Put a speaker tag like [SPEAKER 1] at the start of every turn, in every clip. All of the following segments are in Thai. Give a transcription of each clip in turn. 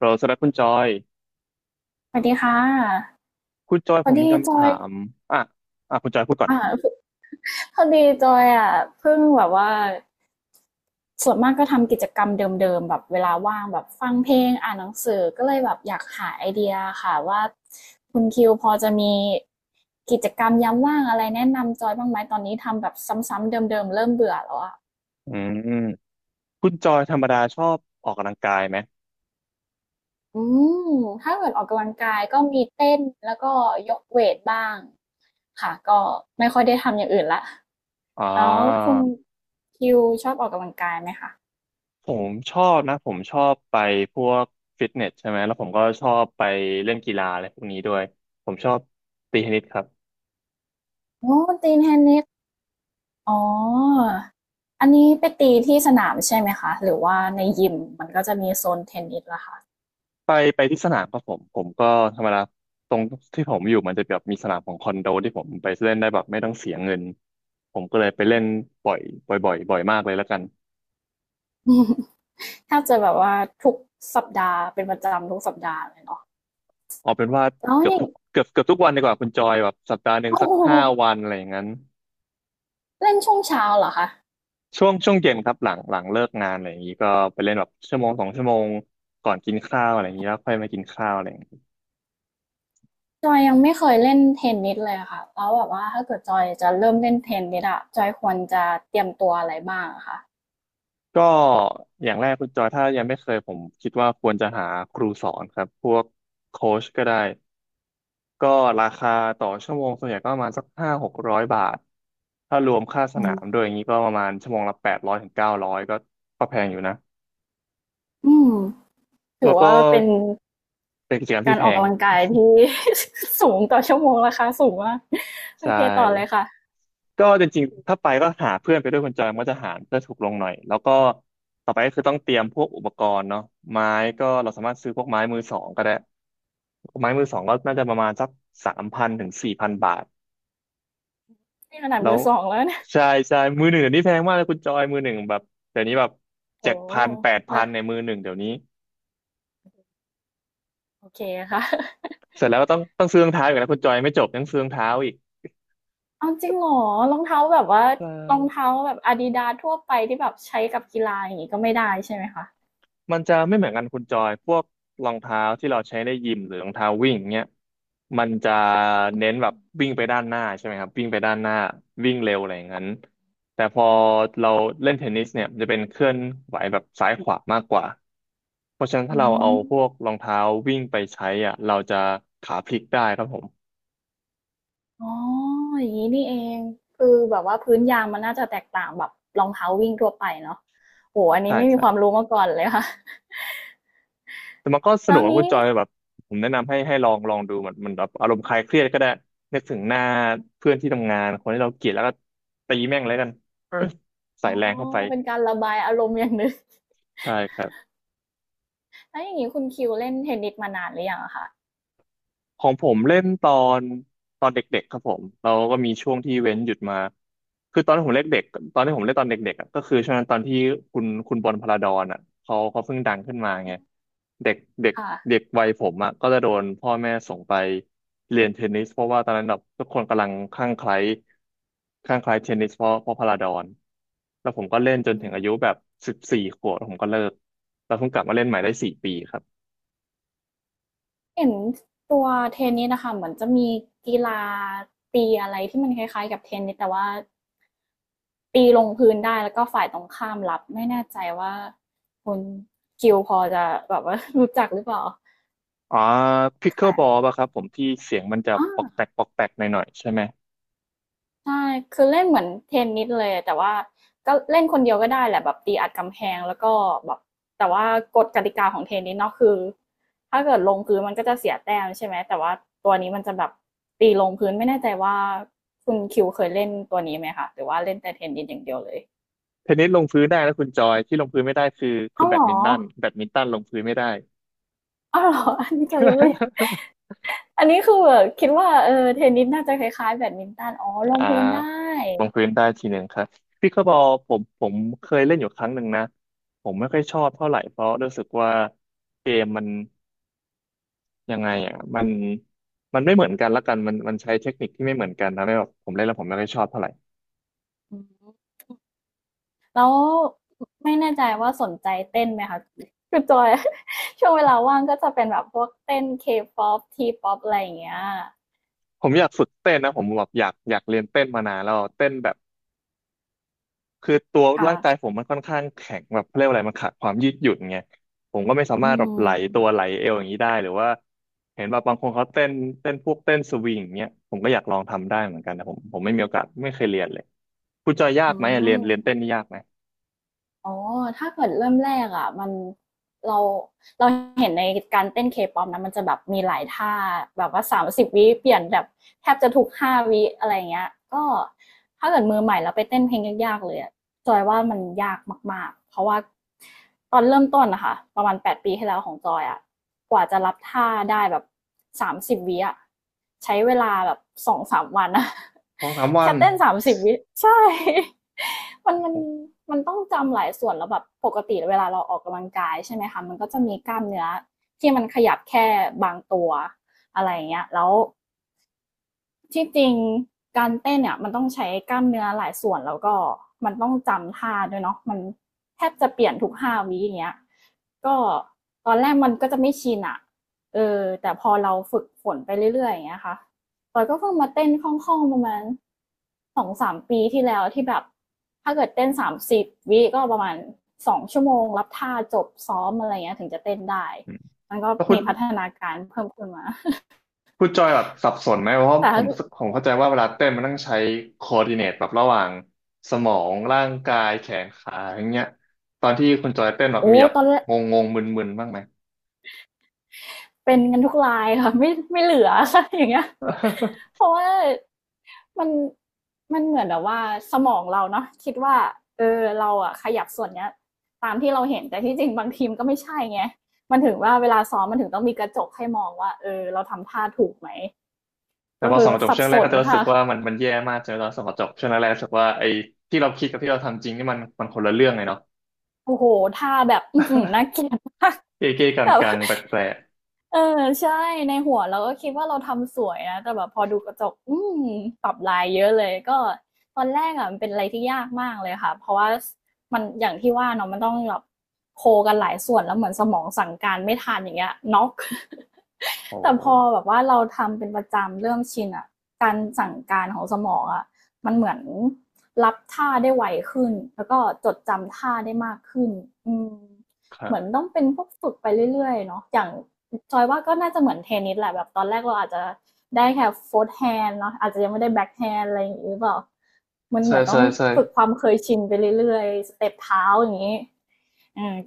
[SPEAKER 1] เราสำหรับคุณจอย
[SPEAKER 2] สวัสดีค่ะ
[SPEAKER 1] คุณจอย
[SPEAKER 2] พ
[SPEAKER 1] ผ
[SPEAKER 2] อ
[SPEAKER 1] มมี
[SPEAKER 2] ดีจ
[SPEAKER 1] คำ
[SPEAKER 2] อ
[SPEAKER 1] ถา
[SPEAKER 2] ย
[SPEAKER 1] มอ่ะอ่ะคุณจอยพูดก่อน
[SPEAKER 2] อ่าพอดีจอยอ่ะเพิ่งแบบว่าส่วนมากก็ทำกิจกรรมเดิมๆแบบเวลาว่างแบบฟังเพลงอ่านหนังสือก็เลยแบบอยากหาไอเดียค่ะว่าคุณคิวพอจะมีกิจกรรมยามว่างอะไรแนะนำจอยบ้างไหมตอนนี้ทำแบบซ้ำๆเดิมๆเริ่มเบื่อแล้วอ่ะ
[SPEAKER 1] อืมคุณจอยธรรมดาชอบออกกำลังกายไหม
[SPEAKER 2] อืมถ้าเกิดออกกำลังกายก็มีเต้นแล้วก็ยกเวทบ้างค่ะก็ไม่ค่อยได้ทำอย่างอื่นละ
[SPEAKER 1] อ่า
[SPEAKER 2] แล้วคุณคิวชอบออกกำลังกายไหมคะ
[SPEAKER 1] ผมชอบนะผมชอบไปพวกฟิตเนสใช่ไหมแล้วผมก็ชอบไปเล่นกีฬาอะไรพวกนี้ด้วยผมชอบตีเทนนิสครับ
[SPEAKER 2] อ๋อตีเทนนิสอ๋ออันนี้ไปตีที่สนามใช่ไหมคะหรือว่าในยิมมันก็จะมีโซนเทนนิสล่ะค่ะ
[SPEAKER 1] ไปไปที่สนามครับผมก็ธรรมดาตรงที่ผมอยู่มันจะแบบมีสนามของคอนโดที่ผมไปเล่นได้แบบไม่ต้องเสียเงินผมก็เลยไปเล่นบ่อยบ่อยบ่อยบ่อยมากเลยแล้วกัน
[SPEAKER 2] แทบจะแบบว่าทุกสัปดาห์เป็นประจำทุกสัปดาห์เลยเนาะ
[SPEAKER 1] เอาเป็นว่า
[SPEAKER 2] แล้ว
[SPEAKER 1] เกือบ
[SPEAKER 2] นี่
[SPEAKER 1] ทุกเกือบเกือบทุกวันดีกว่าคุณจอยแบบสัปดาห์หนึ่ง
[SPEAKER 2] โอ้
[SPEAKER 1] สัก
[SPEAKER 2] โห
[SPEAKER 1] 5 วันอะไรอย่างนั้น
[SPEAKER 2] เล่นช่วงเช้าเหรอคะ
[SPEAKER 1] ช่วงเย็นครับหลังเลิกงานอะไรอย่างนี้ก็ไปเล่นแบบชั่วโมง2 ชั่วโมงก่อนกินข้าวอะไรอย่างนี้แล้วค่อยมากินข้าวอะไรอย่างนี้
[SPEAKER 2] จอยยังไม่เคยเล่นเทนนิสเลยอะค่ะแล้วแบบว่าถ้าเกิดจอยจะเริ่มเล่นเทนนิสอะจอยควรจะเตรียมตัวอะไรบ้างอะคะ
[SPEAKER 1] ก็อย่างแรกคุณจอยถ้ายังไม่เคยผมคิดว่าควรจะหาครูสอนครับพวกโค้ชก็ได้ก็ราคาต่อชั่วโมงส่วนใหญ่ก็ประมาณสัก500-600 บาทถ้ารวมค่าส
[SPEAKER 2] อื
[SPEAKER 1] นามด้วย
[SPEAKER 2] ม
[SPEAKER 1] อย่างนี้ก็ประมาณชั่วโมงละ800-900ก็ก็แพงอยู่นะ
[SPEAKER 2] อืมถื
[SPEAKER 1] แล้
[SPEAKER 2] อ
[SPEAKER 1] วก็
[SPEAKER 2] ว่าเป็น
[SPEAKER 1] เป็นกิจกรรม
[SPEAKER 2] กา
[SPEAKER 1] ที่
[SPEAKER 2] ร
[SPEAKER 1] แพ
[SPEAKER 2] ออก
[SPEAKER 1] ง
[SPEAKER 2] กำลังกายที่ สูงต่อชั่วโมงราคาสูงมากโอ
[SPEAKER 1] ใช่
[SPEAKER 2] เคต่อเลยค่ะ
[SPEAKER 1] ก็จริงๆถ้าไปก็หาเพื่อนไปด้วยคนจอยมันก็จะหารเพื่อถูกลงหน่อยแล้วก็ต่อไปก็คือต้องเตรียมพวกอุปกรณ์เนาะไม้ก็เราสามารถซื้อพวกไม้มือสองก็ได้ไม้มือสองก็น่าจะประมาณสัก3,000-4,000 บาท
[SPEAKER 2] นี่ขนาด
[SPEAKER 1] แล้
[SPEAKER 2] มื
[SPEAKER 1] ว
[SPEAKER 2] อสองแล้วเนี่ย
[SPEAKER 1] ใช่ใช่ มือหนึ่งเดี๋ยวนี้แพงมากเลยคุณจอยมือหนึ่งแบบเดี๋ยวนี้แบบ
[SPEAKER 2] โอ้
[SPEAKER 1] เจ็ดพันแปดพั
[SPEAKER 2] แล้
[SPEAKER 1] น
[SPEAKER 2] ว
[SPEAKER 1] ในมือหนึ่งเดี๋ยวนี้
[SPEAKER 2] โอเคค่ะ
[SPEAKER 1] เสร็จแล้วก็ต้องซื้อรองเท้าอีกนะคุณจอยไม่จบยังซื้อรองเท้าอีก
[SPEAKER 2] เอาจริงเหรอรองเท้าแบบว่า
[SPEAKER 1] ใช
[SPEAKER 2] รอง
[SPEAKER 1] ่
[SPEAKER 2] เท้าแบบอาดิดาสทั่วไปที่แบบใช้กับกีฬาอย่างนี้ก็ไม่ได้ใช่ไหมคะ
[SPEAKER 1] มันจะไม่เหมือนกันคุณจอยพวกรองเท้าที่เราใช้ในยิมหรือรองเท้าวิ่งเนี้ยมันจะเน้นแบบวิ่งไปด้านหน้าใช่ไหมครับวิ่งไปด้านหน้าวิ่งเร็วอะไรอย่างนั้นแต่พอเราเล่นเทนนิสเนี่ยมันจะเป็นเคลื่อนไหวแบบซ้ายขวามากกว่าเพราะฉะนั้น
[SPEAKER 2] อื
[SPEAKER 1] ถ้าเราเอา
[SPEAKER 2] ม
[SPEAKER 1] พวกรองเท้าวิ่งไปใช้อ่ะเราจะขาพลิกได้ครับผม
[SPEAKER 2] อ๋ออย่างนี้นี่เองคือแบบว่าพื้นยางมันน่าจะแตกต่างแบบรองเท้าวิ่งทั่วไปเนาะโอ้อันนี้
[SPEAKER 1] ใช่
[SPEAKER 2] ไม่มีความรู้มาก่อนเลยค่ะ
[SPEAKER 1] แต่มันก็ส
[SPEAKER 2] แล้
[SPEAKER 1] นุ
[SPEAKER 2] ว
[SPEAKER 1] กนะคุณ
[SPEAKER 2] นี้
[SPEAKER 1] จอยแบบผมแนะนำให้ลองดูมันมันแบบอารมณ์คลายเครียดก็ได้นึกถึงหน้าเพื่อนที่ทำงานคนที่เราเกลียดแล้วก็ตีแม่งแล้วกัน ใส่
[SPEAKER 2] อ๋อ
[SPEAKER 1] แรงเข้าไป
[SPEAKER 2] เป็นการระบายอารมณ์อย่างหนึ่ง
[SPEAKER 1] ใช่ครับ
[SPEAKER 2] แล้วอย่างนี้คุณคิวเล่นเทนนิสมานานหรือยังอะคะ
[SPEAKER 1] ของผมเล่นนตอนเด็กๆครับผมเราก็มีช่วงที่เว้นหยุดมาคือตอนที่ผมเล่นตอนเด็กๆอะก็คือช่วงนั้นตอนที่คุณบอลพลาดอนอ่ะเขาเพิ่งดังขึ้นมาไงเด็กเด็กเด็
[SPEAKER 2] ค่ะ
[SPEAKER 1] กวัยผมอ่ะก็จะโดนพ่อแม่ส่งไปเรียนเทนนิสเพราะว่าตอนนั้นแบบทุกคนกำลังคลั่งไคล้เทนนิสเพราะพลาดอนแล้วผมก็เล่นจนถึงอายุแบบ14 ขวบแล้วผมก็เลิกแล้วผมกลับมาเล่นใหม่ได้4 ปีครับ
[SPEAKER 2] เห็นตัวเทนนิสนะคะเหมือนจะมีกีฬาตีอะไรที่มันคล้ายๆกับเทนนิสแต่ว่าตีลงพื้นได้แล้วก็ฝ่ายตรงข้ามรับไม่แน่ใจว่าคุณคิวพอจะแบบว่า รู้จักหรือเปล่า
[SPEAKER 1] อ๋อพิกเกิลบอล
[SPEAKER 2] ค่ะ
[SPEAKER 1] ป่ะครับผมที่เสียงมันจะ
[SPEAKER 2] อ๋
[SPEAKER 1] ปอกแป
[SPEAKER 2] อ
[SPEAKER 1] กปอกแปกหน่อยๆใช่ไหม
[SPEAKER 2] ใช่ คือเล่นเหมือนเทนนิสเลย แต่ว่าก็เล่นคนเดียวก็ได้แหละแบบตีอัดกำแพงแล้วก็แบบแต่ว่ากฎกติกาของเทนนิสเนาะคือถ้าเกิดลงพื้นมันก็จะเสียแต้มใช่ไหม แต่ว่าตัวนี้มันจะแบบตีลงพื้นไม่แน่ใจว่าคุณคิวเคยเล่นตัวนี้ไหมคะหรือว่าเล่นแต่เทนนิสอย่างเดียวเลย
[SPEAKER 1] เทนนิสลงพื้นได้แล้วคุณจอยที่ลงพื้นไม่ได้คือ
[SPEAKER 2] อ้าว
[SPEAKER 1] แบ
[SPEAKER 2] เหร
[SPEAKER 1] ด
[SPEAKER 2] อ
[SPEAKER 1] มินตันลงพื้นไม่ได้
[SPEAKER 2] อ้าวเหรอ อันนี้จอยก็ไม่อันนี้คือแบบคิดว่าเออเทนนิสน่าจะคล้ายๆแบดมินตันอ๋อล ง
[SPEAKER 1] อ่า
[SPEAKER 2] พื้นได้
[SPEAKER 1] ลงพื้นได้ทีหนึ่งครับพิกเกิลบอลผมเคยเล่นอยู่ครั้งหนึ่งนะผมไม่ค่อยชอบเท่าไหร่เพราะรู้สึกว่าเกมมันยังไงอ่ะมันมันไม่เหมือนกันละกันมันใช้เทคนิคที่ไม่เหมือนกันนะไม่แบบผมเล่นแล้วผมไม่ค่อยชอบเท่าไหร่
[SPEAKER 2] อืม แล้วไม่แน่ใจว่าสนใจเต้นไหมคะคือจอย ช่วงเวลาว่างก็จะเป็นแบบพวกเต้นเคป๊อปทีป๊อปอะไรอย่างเงี้ย
[SPEAKER 1] ผมอยากฝึกเต้นนะผมแบบอยากเรียนเต้นมานานแล้วเต้นแบบ คือตัว
[SPEAKER 2] ค่ะ
[SPEAKER 1] ร่างกายผมมันค่อนข้างแข็งแบบเขาเรียกว่าอะไรมันขาดความยืดหยุ่นไงผมก็ไม่สา
[SPEAKER 2] อื
[SPEAKER 1] มารถแบบไหล
[SPEAKER 2] ม
[SPEAKER 1] ตัวไหลเอวอย่างนี้ได้หรือว่าเห็นแบบบางคนเขาเต้นพวกเต้นสวิงอย่างเงี้ยผมก็อยากลองทำได้เหมือนกันแต่ผมไม่มีโอกาสไม่เคยเรียนเลยคุณจอยยา
[SPEAKER 2] อื
[SPEAKER 1] กไหมอะเรียน
[SPEAKER 2] ม
[SPEAKER 1] เรียนเต้นนี่ยากไหม
[SPEAKER 2] อ๋อถ้าเกิดเริ่มแรกอ่ะมันเราเราเห็นในการเต้นเคป๊อปนะมันจะแบบมีหลายท่าแบบว่าสามสิบวิเปลี่ยนแบบแทบจะทุกห้าวิอะไรเงี้ยก็ถ้าเกิดมือใหม่เราไปเต้นเพลงยากๆเลยอะ จอยว่ามันยากมากๆเพราะว่าตอนเริ่มต้นนะคะประมาณ8 ปีที่แล้วของจอยอะกว่าจะรับท่าได้แบบสามสิบวิอะใช้เวลาแบบ2-3 วันอะ
[SPEAKER 1] สองสาม วั
[SPEAKER 2] แค่
[SPEAKER 1] น
[SPEAKER 2] เต้น30 วิใช่มัน
[SPEAKER 1] โอ้
[SPEAKER 2] มั
[SPEAKER 1] โห
[SPEAKER 2] นมันต้องจำหลายส่วนแล้วแบบปกติเวลาเราออกกำลังกายใช่ไหมคะมันก็จะมีกล้ามเนื้อที่มันขยับแค่บางตัวอะไรอย่างเงี้ยแล้ว ที่จริงการเต้นเนี่ยมันต้องใช้กล้ามเนื้อหลายส่วนแล้วก็มันต้องจำท่าด้วยเนาะมันแทบจะเปลี่ยนทุกห้าวิอย่างเงี้ยก็ตอนแรกมันก็จะไม่ชินอะเออแต่พอเราฝึกฝนไปเรื่อยๆอย่างเงี้ยค่ะตอนก็เพิ่งมาเต้นคล่องๆประมาณ2 ถึง 3 ปีที่แล้วที่แบบถ้าเกิดเต้นสามสิบวิก็ประมาณ2 ชั่วโมงรับท่าจบซ้อมอะไรเงี้ยถึงจะเต้นได้
[SPEAKER 1] อืม
[SPEAKER 2] มันก็
[SPEAKER 1] แล้วคุ
[SPEAKER 2] มี
[SPEAKER 1] ณ
[SPEAKER 2] พัฒนาการเพิ่มขึ้นมา
[SPEAKER 1] คุณจอยแบบสับสนไหมเพราะว่า
[SPEAKER 2] แต่
[SPEAKER 1] ผมเข้าใจว่าเวลาเต้นมันต้องใช้คอ r d i ิเนตแบบระหว่างสมองร่างกายแขนขาอย่างเงี้ยตอนที่คุณจอยเต้นแบบ
[SPEAKER 2] โอ้
[SPEAKER 1] มีแบบ
[SPEAKER 2] ตอนแรก
[SPEAKER 1] งงงมึนมึนๆบ้างไหม
[SPEAKER 2] เป็นกันทุกรายค่ะ ไม่เหลือ ค่ะอย่างเงี้ยเพ ราะว่ามันมันเหมือนแบบว่าสมองเราเนาะคิดว่าเออเราอะขยับส่วนเนี้ยตามที่เราเห็นแต่ที่จริงบางทีมก็ไม่ใช่ไงมันถึงว่าเวลาซ้อมมันถึงต้องมีกระจกให้มองว่าเออเราทำท่าถูกไหม
[SPEAKER 1] แต่
[SPEAKER 2] ก็
[SPEAKER 1] พอ
[SPEAKER 2] คื
[SPEAKER 1] ส่
[SPEAKER 2] อ
[SPEAKER 1] องกระจก
[SPEAKER 2] สับ
[SPEAKER 1] ช่วง
[SPEAKER 2] ส
[SPEAKER 1] แรกก็
[SPEAKER 2] น
[SPEAKER 1] จะรู้สึ
[SPEAKER 2] ค่ะ
[SPEAKER 1] กว่ามันแย่มากจนตอนส่องกระจกช่วงแรกๆรู้สึกว่าไอ้ที่เราคิดกับที่เราทำจริงนี่มันคนละเรื่องเลยเนาะ
[SPEAKER 2] โอ้โหท่าแบบน่าเกลียดมาก
[SPEAKER 1] เก้เก้ กั
[SPEAKER 2] แต่
[SPEAKER 1] งกั
[SPEAKER 2] ว่า
[SPEAKER 1] งแปลก
[SPEAKER 2] เออใช่ในหัวเราก็คิดว่าเราทำสวยนะแต่แบบพอดูกระจกอืมปรับลายเยอะเลยก็ตอนแรกอะมันเป็นอะไรที่ยากมากเลยค่ะเพราะว่ามันอย่างที่ว่าเนาะมันต้องแบบโคกันหลายส่วนแล้วเหมือนสมองสั่งการไม่ทันอย่างเงี้ยน็อก
[SPEAKER 1] ๆโอ้
[SPEAKER 2] แต่
[SPEAKER 1] โห
[SPEAKER 2] พอแบบว่าเราทำเป็นประจำเริ่มชินอะการสั่งการของสมองอะมันเหมือนรับท่าได้ไวขึ้นแล้วก็จดจำท่าได้มากขึ้นอืม
[SPEAKER 1] ครั
[SPEAKER 2] เหมือน
[SPEAKER 1] บ
[SPEAKER 2] ต้องเป็นพวกฝึกไปเรื่อยๆเนาะอย่างจอยว่าก็น่าจะเหมือนเทนนิสแหละแบบตอนแรกเราอาจจะได้แค่โฟร์ธแฮนด์เนาะอาจจะยังไม่ได้แบ็คแฮนด์อะไรอย่างนี้หรือเปล่ามันเห
[SPEAKER 1] ใช่
[SPEAKER 2] มือนต้
[SPEAKER 1] ใช่
[SPEAKER 2] อง
[SPEAKER 1] ใช่
[SPEAKER 2] ฝึกความเคยชินไปเรื่อยๆสเต็ปเท้าอย่างนี้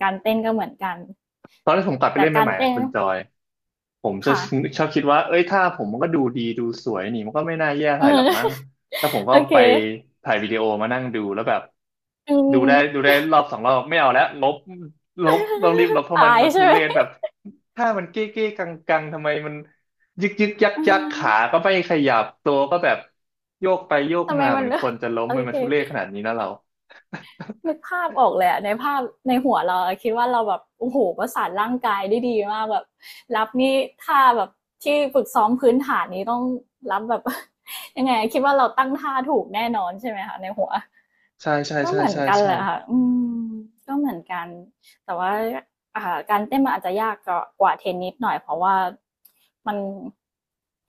[SPEAKER 2] การเต้นก็เหมือนกัน
[SPEAKER 1] ตอนที่ผมกลับไป
[SPEAKER 2] แต่
[SPEAKER 1] เล่น
[SPEAKER 2] การ
[SPEAKER 1] ใหม่ๆนะ
[SPEAKER 2] เต้น
[SPEAKER 1] คุณจอยผม
[SPEAKER 2] ค่ะ
[SPEAKER 1] ชอบคิดว่าเอ้ยถ้าผมมันก็ดูดีดูสวยนี่มันก็ไม่น่าแย่เท่า
[SPEAKER 2] เออ
[SPEAKER 1] ไหร่หรอกมั้ง แล้วผมก็
[SPEAKER 2] โอเค
[SPEAKER 1] ไปถ่ายวิดีโอมานั่งดูแล้วแบบ
[SPEAKER 2] อื
[SPEAKER 1] ดูได้
[SPEAKER 2] ม
[SPEAKER 1] ดูได้รอบสองรอบไม่เอาแล้วลบลบต้องรีบลบ เพราะมัน
[SPEAKER 2] ตาย
[SPEAKER 1] มัน
[SPEAKER 2] ใช่
[SPEAKER 1] ทุ
[SPEAKER 2] ไหม
[SPEAKER 1] เรศแบบถ้ามันเก้เก้กังกังทำไมมันยึกยึกยัก
[SPEAKER 2] อื
[SPEAKER 1] ยัก
[SPEAKER 2] ม
[SPEAKER 1] ขาก็ไม่ขยับตัวก็แบบโยกไปโยก
[SPEAKER 2] ทำไม
[SPEAKER 1] มาเห
[SPEAKER 2] มั
[SPEAKER 1] มื
[SPEAKER 2] น
[SPEAKER 1] อน
[SPEAKER 2] เลื
[SPEAKER 1] ค
[SPEAKER 2] อก
[SPEAKER 1] นจะล้ม
[SPEAKER 2] โอ
[SPEAKER 1] มันมา
[SPEAKER 2] เค
[SPEAKER 1] ทุเรศขนาดนี้นะเรา
[SPEAKER 2] นึกภาพออกเลยอะในภาพในหัวเราคิดว่าเราแบบโอ้โหประสานร่างกายได้ดีมากแบบรับนี่ท่าแบบที่ฝึกซ้อมพื้นฐานนี้ต้องรับแบบ ยังไงคิดว่าเราตั้งท่าถูกแน่นอนใช่ไหมคะในหัว
[SPEAKER 1] ใช่ใช่
[SPEAKER 2] ก็
[SPEAKER 1] ใช่
[SPEAKER 2] เหมือน
[SPEAKER 1] ใช่
[SPEAKER 2] กัน
[SPEAKER 1] ใช่
[SPEAKER 2] แหละค่ะอืมก็เหมือนกันแต่ว่าการเต้นมันอาจจะยากกว่าเทนนิสหน่อยเพราะว่ามัน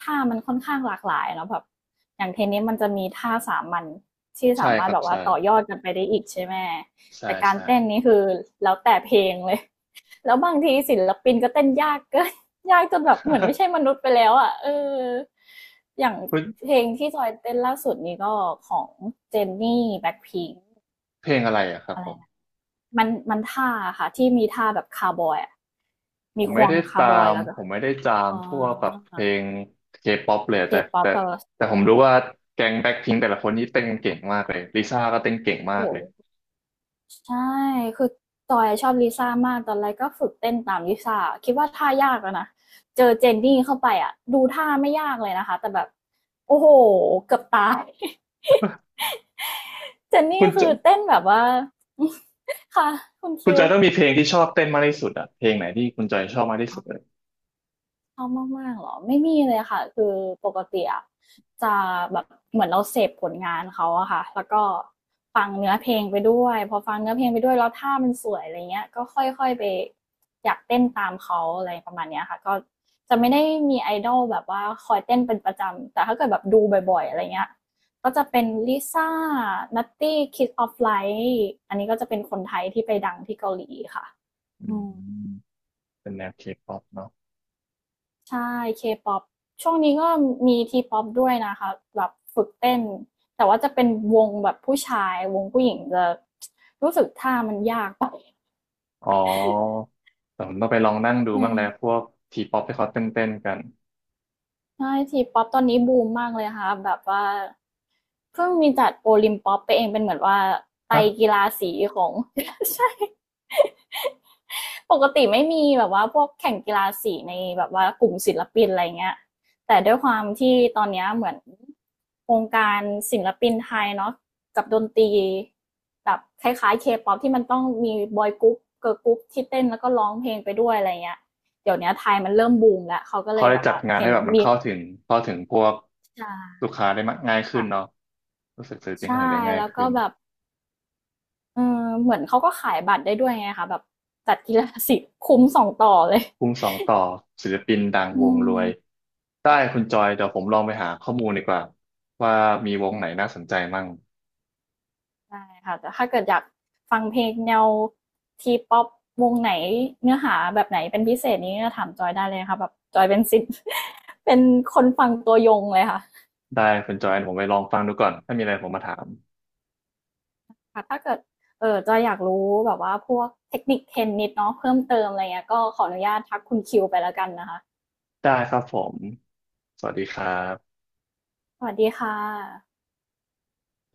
[SPEAKER 2] ท่ามันค่อนข้างหลากหลายเนาะแบบอย่างเทนนิสมันจะมีท่าสามัญที่
[SPEAKER 1] ใช่
[SPEAKER 2] สามา
[SPEAKER 1] ค
[SPEAKER 2] รถ
[SPEAKER 1] รับ
[SPEAKER 2] แบบว่า
[SPEAKER 1] ใช่
[SPEAKER 2] ต่อยอดกันไปได้อีกใช่ไหม
[SPEAKER 1] ใช่
[SPEAKER 2] แต่การ
[SPEAKER 1] ใช่
[SPEAKER 2] เต้นนี่คือแล้วแต่เพลงเลย แล้วบางทีศิลปินก็เต้นยากเกิน ยากจนแบบเหมือนไม่ใช่มนุษย์ไปแล้วอะเอออย่าง
[SPEAKER 1] เฮ้ย
[SPEAKER 2] เพลงที่จอยเต้นล่าสุดนี้ก็ของเจนนี่แบ็คพิง
[SPEAKER 1] เพลงอะไรอะครับ
[SPEAKER 2] อะ
[SPEAKER 1] ผ
[SPEAKER 2] ไรนะ
[SPEAKER 1] ม
[SPEAKER 2] มันท่าค่ะที่มีท่าแบบคาร์บอยอะ
[SPEAKER 1] ผ
[SPEAKER 2] มี
[SPEAKER 1] ม
[SPEAKER 2] ค
[SPEAKER 1] ไม่
[SPEAKER 2] วง
[SPEAKER 1] ได้
[SPEAKER 2] คา
[SPEAKER 1] ตา
[SPEAKER 2] ร์บอย
[SPEAKER 1] ม
[SPEAKER 2] แล้วก็
[SPEAKER 1] ผมไม่ได้จาม
[SPEAKER 2] อ๋อ
[SPEAKER 1] พวกแบบเพลงเคป๊อปเลย
[SPEAKER 2] เค
[SPEAKER 1] แต่
[SPEAKER 2] ป๊อป
[SPEAKER 1] แต่
[SPEAKER 2] เธอ
[SPEAKER 1] แต่ผมรู้ว่าแก๊งแบ็คพิงแต่ละคนนี้เต้นเก่งมากเลยลิซ่าก็เต้นเก่งมาก
[SPEAKER 2] โอ้
[SPEAKER 1] เลย
[SPEAKER 2] โหใช่ คือจอยชอบลิซ่ามากตอนแรกก็ฝึกเต้นตามลิซ่าคิดว่าท่ายากแล้วนะ เจอเจนนี่เข้าไปอ่ะดูท่าไม่ยากเลยนะคะแต่แบบโอ้โหเกือบตาย เจน
[SPEAKER 1] คุ
[SPEAKER 2] นี่
[SPEAKER 1] ณจ
[SPEAKER 2] คือ
[SPEAKER 1] อย
[SPEAKER 2] เต้นแบบว่า ค่ะคุณ
[SPEAKER 1] คุณ
[SPEAKER 2] คิ
[SPEAKER 1] จอยต้องมี
[SPEAKER 2] ว
[SPEAKER 1] เพลงที่ชอบเต้นมากที่สุดอะเพลงไหนที่คุณจอยชอบมากที่สุดเลย
[SPEAKER 2] ชอบมากๆเหรอไม่มีเลยค่ะคือปกติอะจะแบบเหมือนเราเสพผลงานเขาอะค่ะแล้วก็ฟังเนื้อเพลงไปด้วยพอฟังเนื้อเพลงไปด้วยแล้วท่ามันสวยอะไรเงี้ยก็ค่อยๆไปอยากเต้นตามเขาอะไรประมาณเนี้ยค่ะก็จะไม่ได้มี idol แบบว่าคอยเต้นเป็นประจำแต่ถ้าเกิดแบบดูบ่อยๆอะไรเงี้ยก็จะเป็น Lisa n ั t t ี k i ิ s of Light อันนี้ก็จะเป็นคนไทยที่ไปดังที่เกาหลีค่ะ
[SPEAKER 1] อื
[SPEAKER 2] อืม
[SPEAKER 1] มเป็นแนวเคป๊อปเนาะ
[SPEAKER 2] ใช่ K-pop ช่วงนี้ก็มี T-pop ด้วยนะคะแบบฝึกเต้นแต่ว่าจะเป็นวงแบบผู้ชายวงผู้หญิงจะรู้สึกท่ามันยากไป
[SPEAKER 1] อ๋อแต่ผมต้องไปลองนั่งดู
[SPEAKER 2] อื
[SPEAKER 1] บ้างแล้วพ
[SPEAKER 2] ม
[SPEAKER 1] วกทีป๊อปที่เขาเต้นกัน
[SPEAKER 2] ใช่ T-pop ตอนนี้บูมมากเลยค่ะแบบว่าเพิ่งมีจัดโอลิมป๊อปไปเองเป็นเหมือนว่าไตร
[SPEAKER 1] ฮะ
[SPEAKER 2] กีฬาสีของ ใช่ ปกติไม่มีแบบว่าพวกแข่งกีฬาสีในแบบว่ากลุ่มศิลปินอะไรเงี้ยแต่ด้วยความที่ตอนนี้เหมือนวงการศิลปินไทยเนาะกับดนตรีแบบคล้ายๆเคป๊อปที่มันต้องมีบอยกรุ๊ปเกิร์ลกรุ๊ปที่เต้นแล้วก็ร้องเพลงไปด้วยอะไรเงี้ยเดี๋ยวนี้ไทยมันเริ่มบูมแล้วเขาก็เล
[SPEAKER 1] เขา
[SPEAKER 2] ย
[SPEAKER 1] ได้
[SPEAKER 2] แบบ
[SPEAKER 1] จัด
[SPEAKER 2] ว่า
[SPEAKER 1] งาน
[SPEAKER 2] เห็
[SPEAKER 1] ให้
[SPEAKER 2] น
[SPEAKER 1] แบบมัน
[SPEAKER 2] มี
[SPEAKER 1] เข้าถึงพวก
[SPEAKER 2] ค
[SPEAKER 1] ลูกค้าได้มากง่ายขึ้น
[SPEAKER 2] ่ะ
[SPEAKER 1] เนาะ รู้สึกศิลปินเข
[SPEAKER 2] ใช่
[SPEAKER 1] นอื่นได้ง่าย
[SPEAKER 2] แล้วก็
[SPEAKER 1] ขึ้น
[SPEAKER 2] แบบเออเหมือนเขาก็ขายบัตรได้ด้วยไงคะแบบจัดกีฬาสีคุ้มสองต่อเลย
[SPEAKER 1] ภูมิสองต่อศิลปินดัง
[SPEAKER 2] อื
[SPEAKER 1] วงรวย
[SPEAKER 2] ม
[SPEAKER 1] ได้คุณจอยเดี๋ยวผมลองไปหาข้อมูลดีกว่าว่ามีวงไหนน่าสนใจมั่ง
[SPEAKER 2] ได้ค่ะ แต่ถ้าเกิดอยากฟังเพลงแนวทีป๊อปวงไหนเนื้อหาแบบไหนเป็นพิเศษนี้ก็ถามจอยได้เลยค่ะแบบจอยเป็นสิษย์ เป็นคนฟังตัวยงเลยค่ะ
[SPEAKER 1] ได้คุณจอยเดี๋ยวผมไปลองฟังดูก่อนถ้ามีอะไรผมมาถาม
[SPEAKER 2] ถ้าเกิดเออจอยอยากรู้แบบว่าพวกเทคนิคเทนนิดเนาะเพิ่มเติมอะไรเงี้ยก็ขออนุญาตทักคุณคิวไปแล้วกันนะคะ
[SPEAKER 1] ได้ครับผมสวัสดีครับ
[SPEAKER 2] สวัสดีค่ะ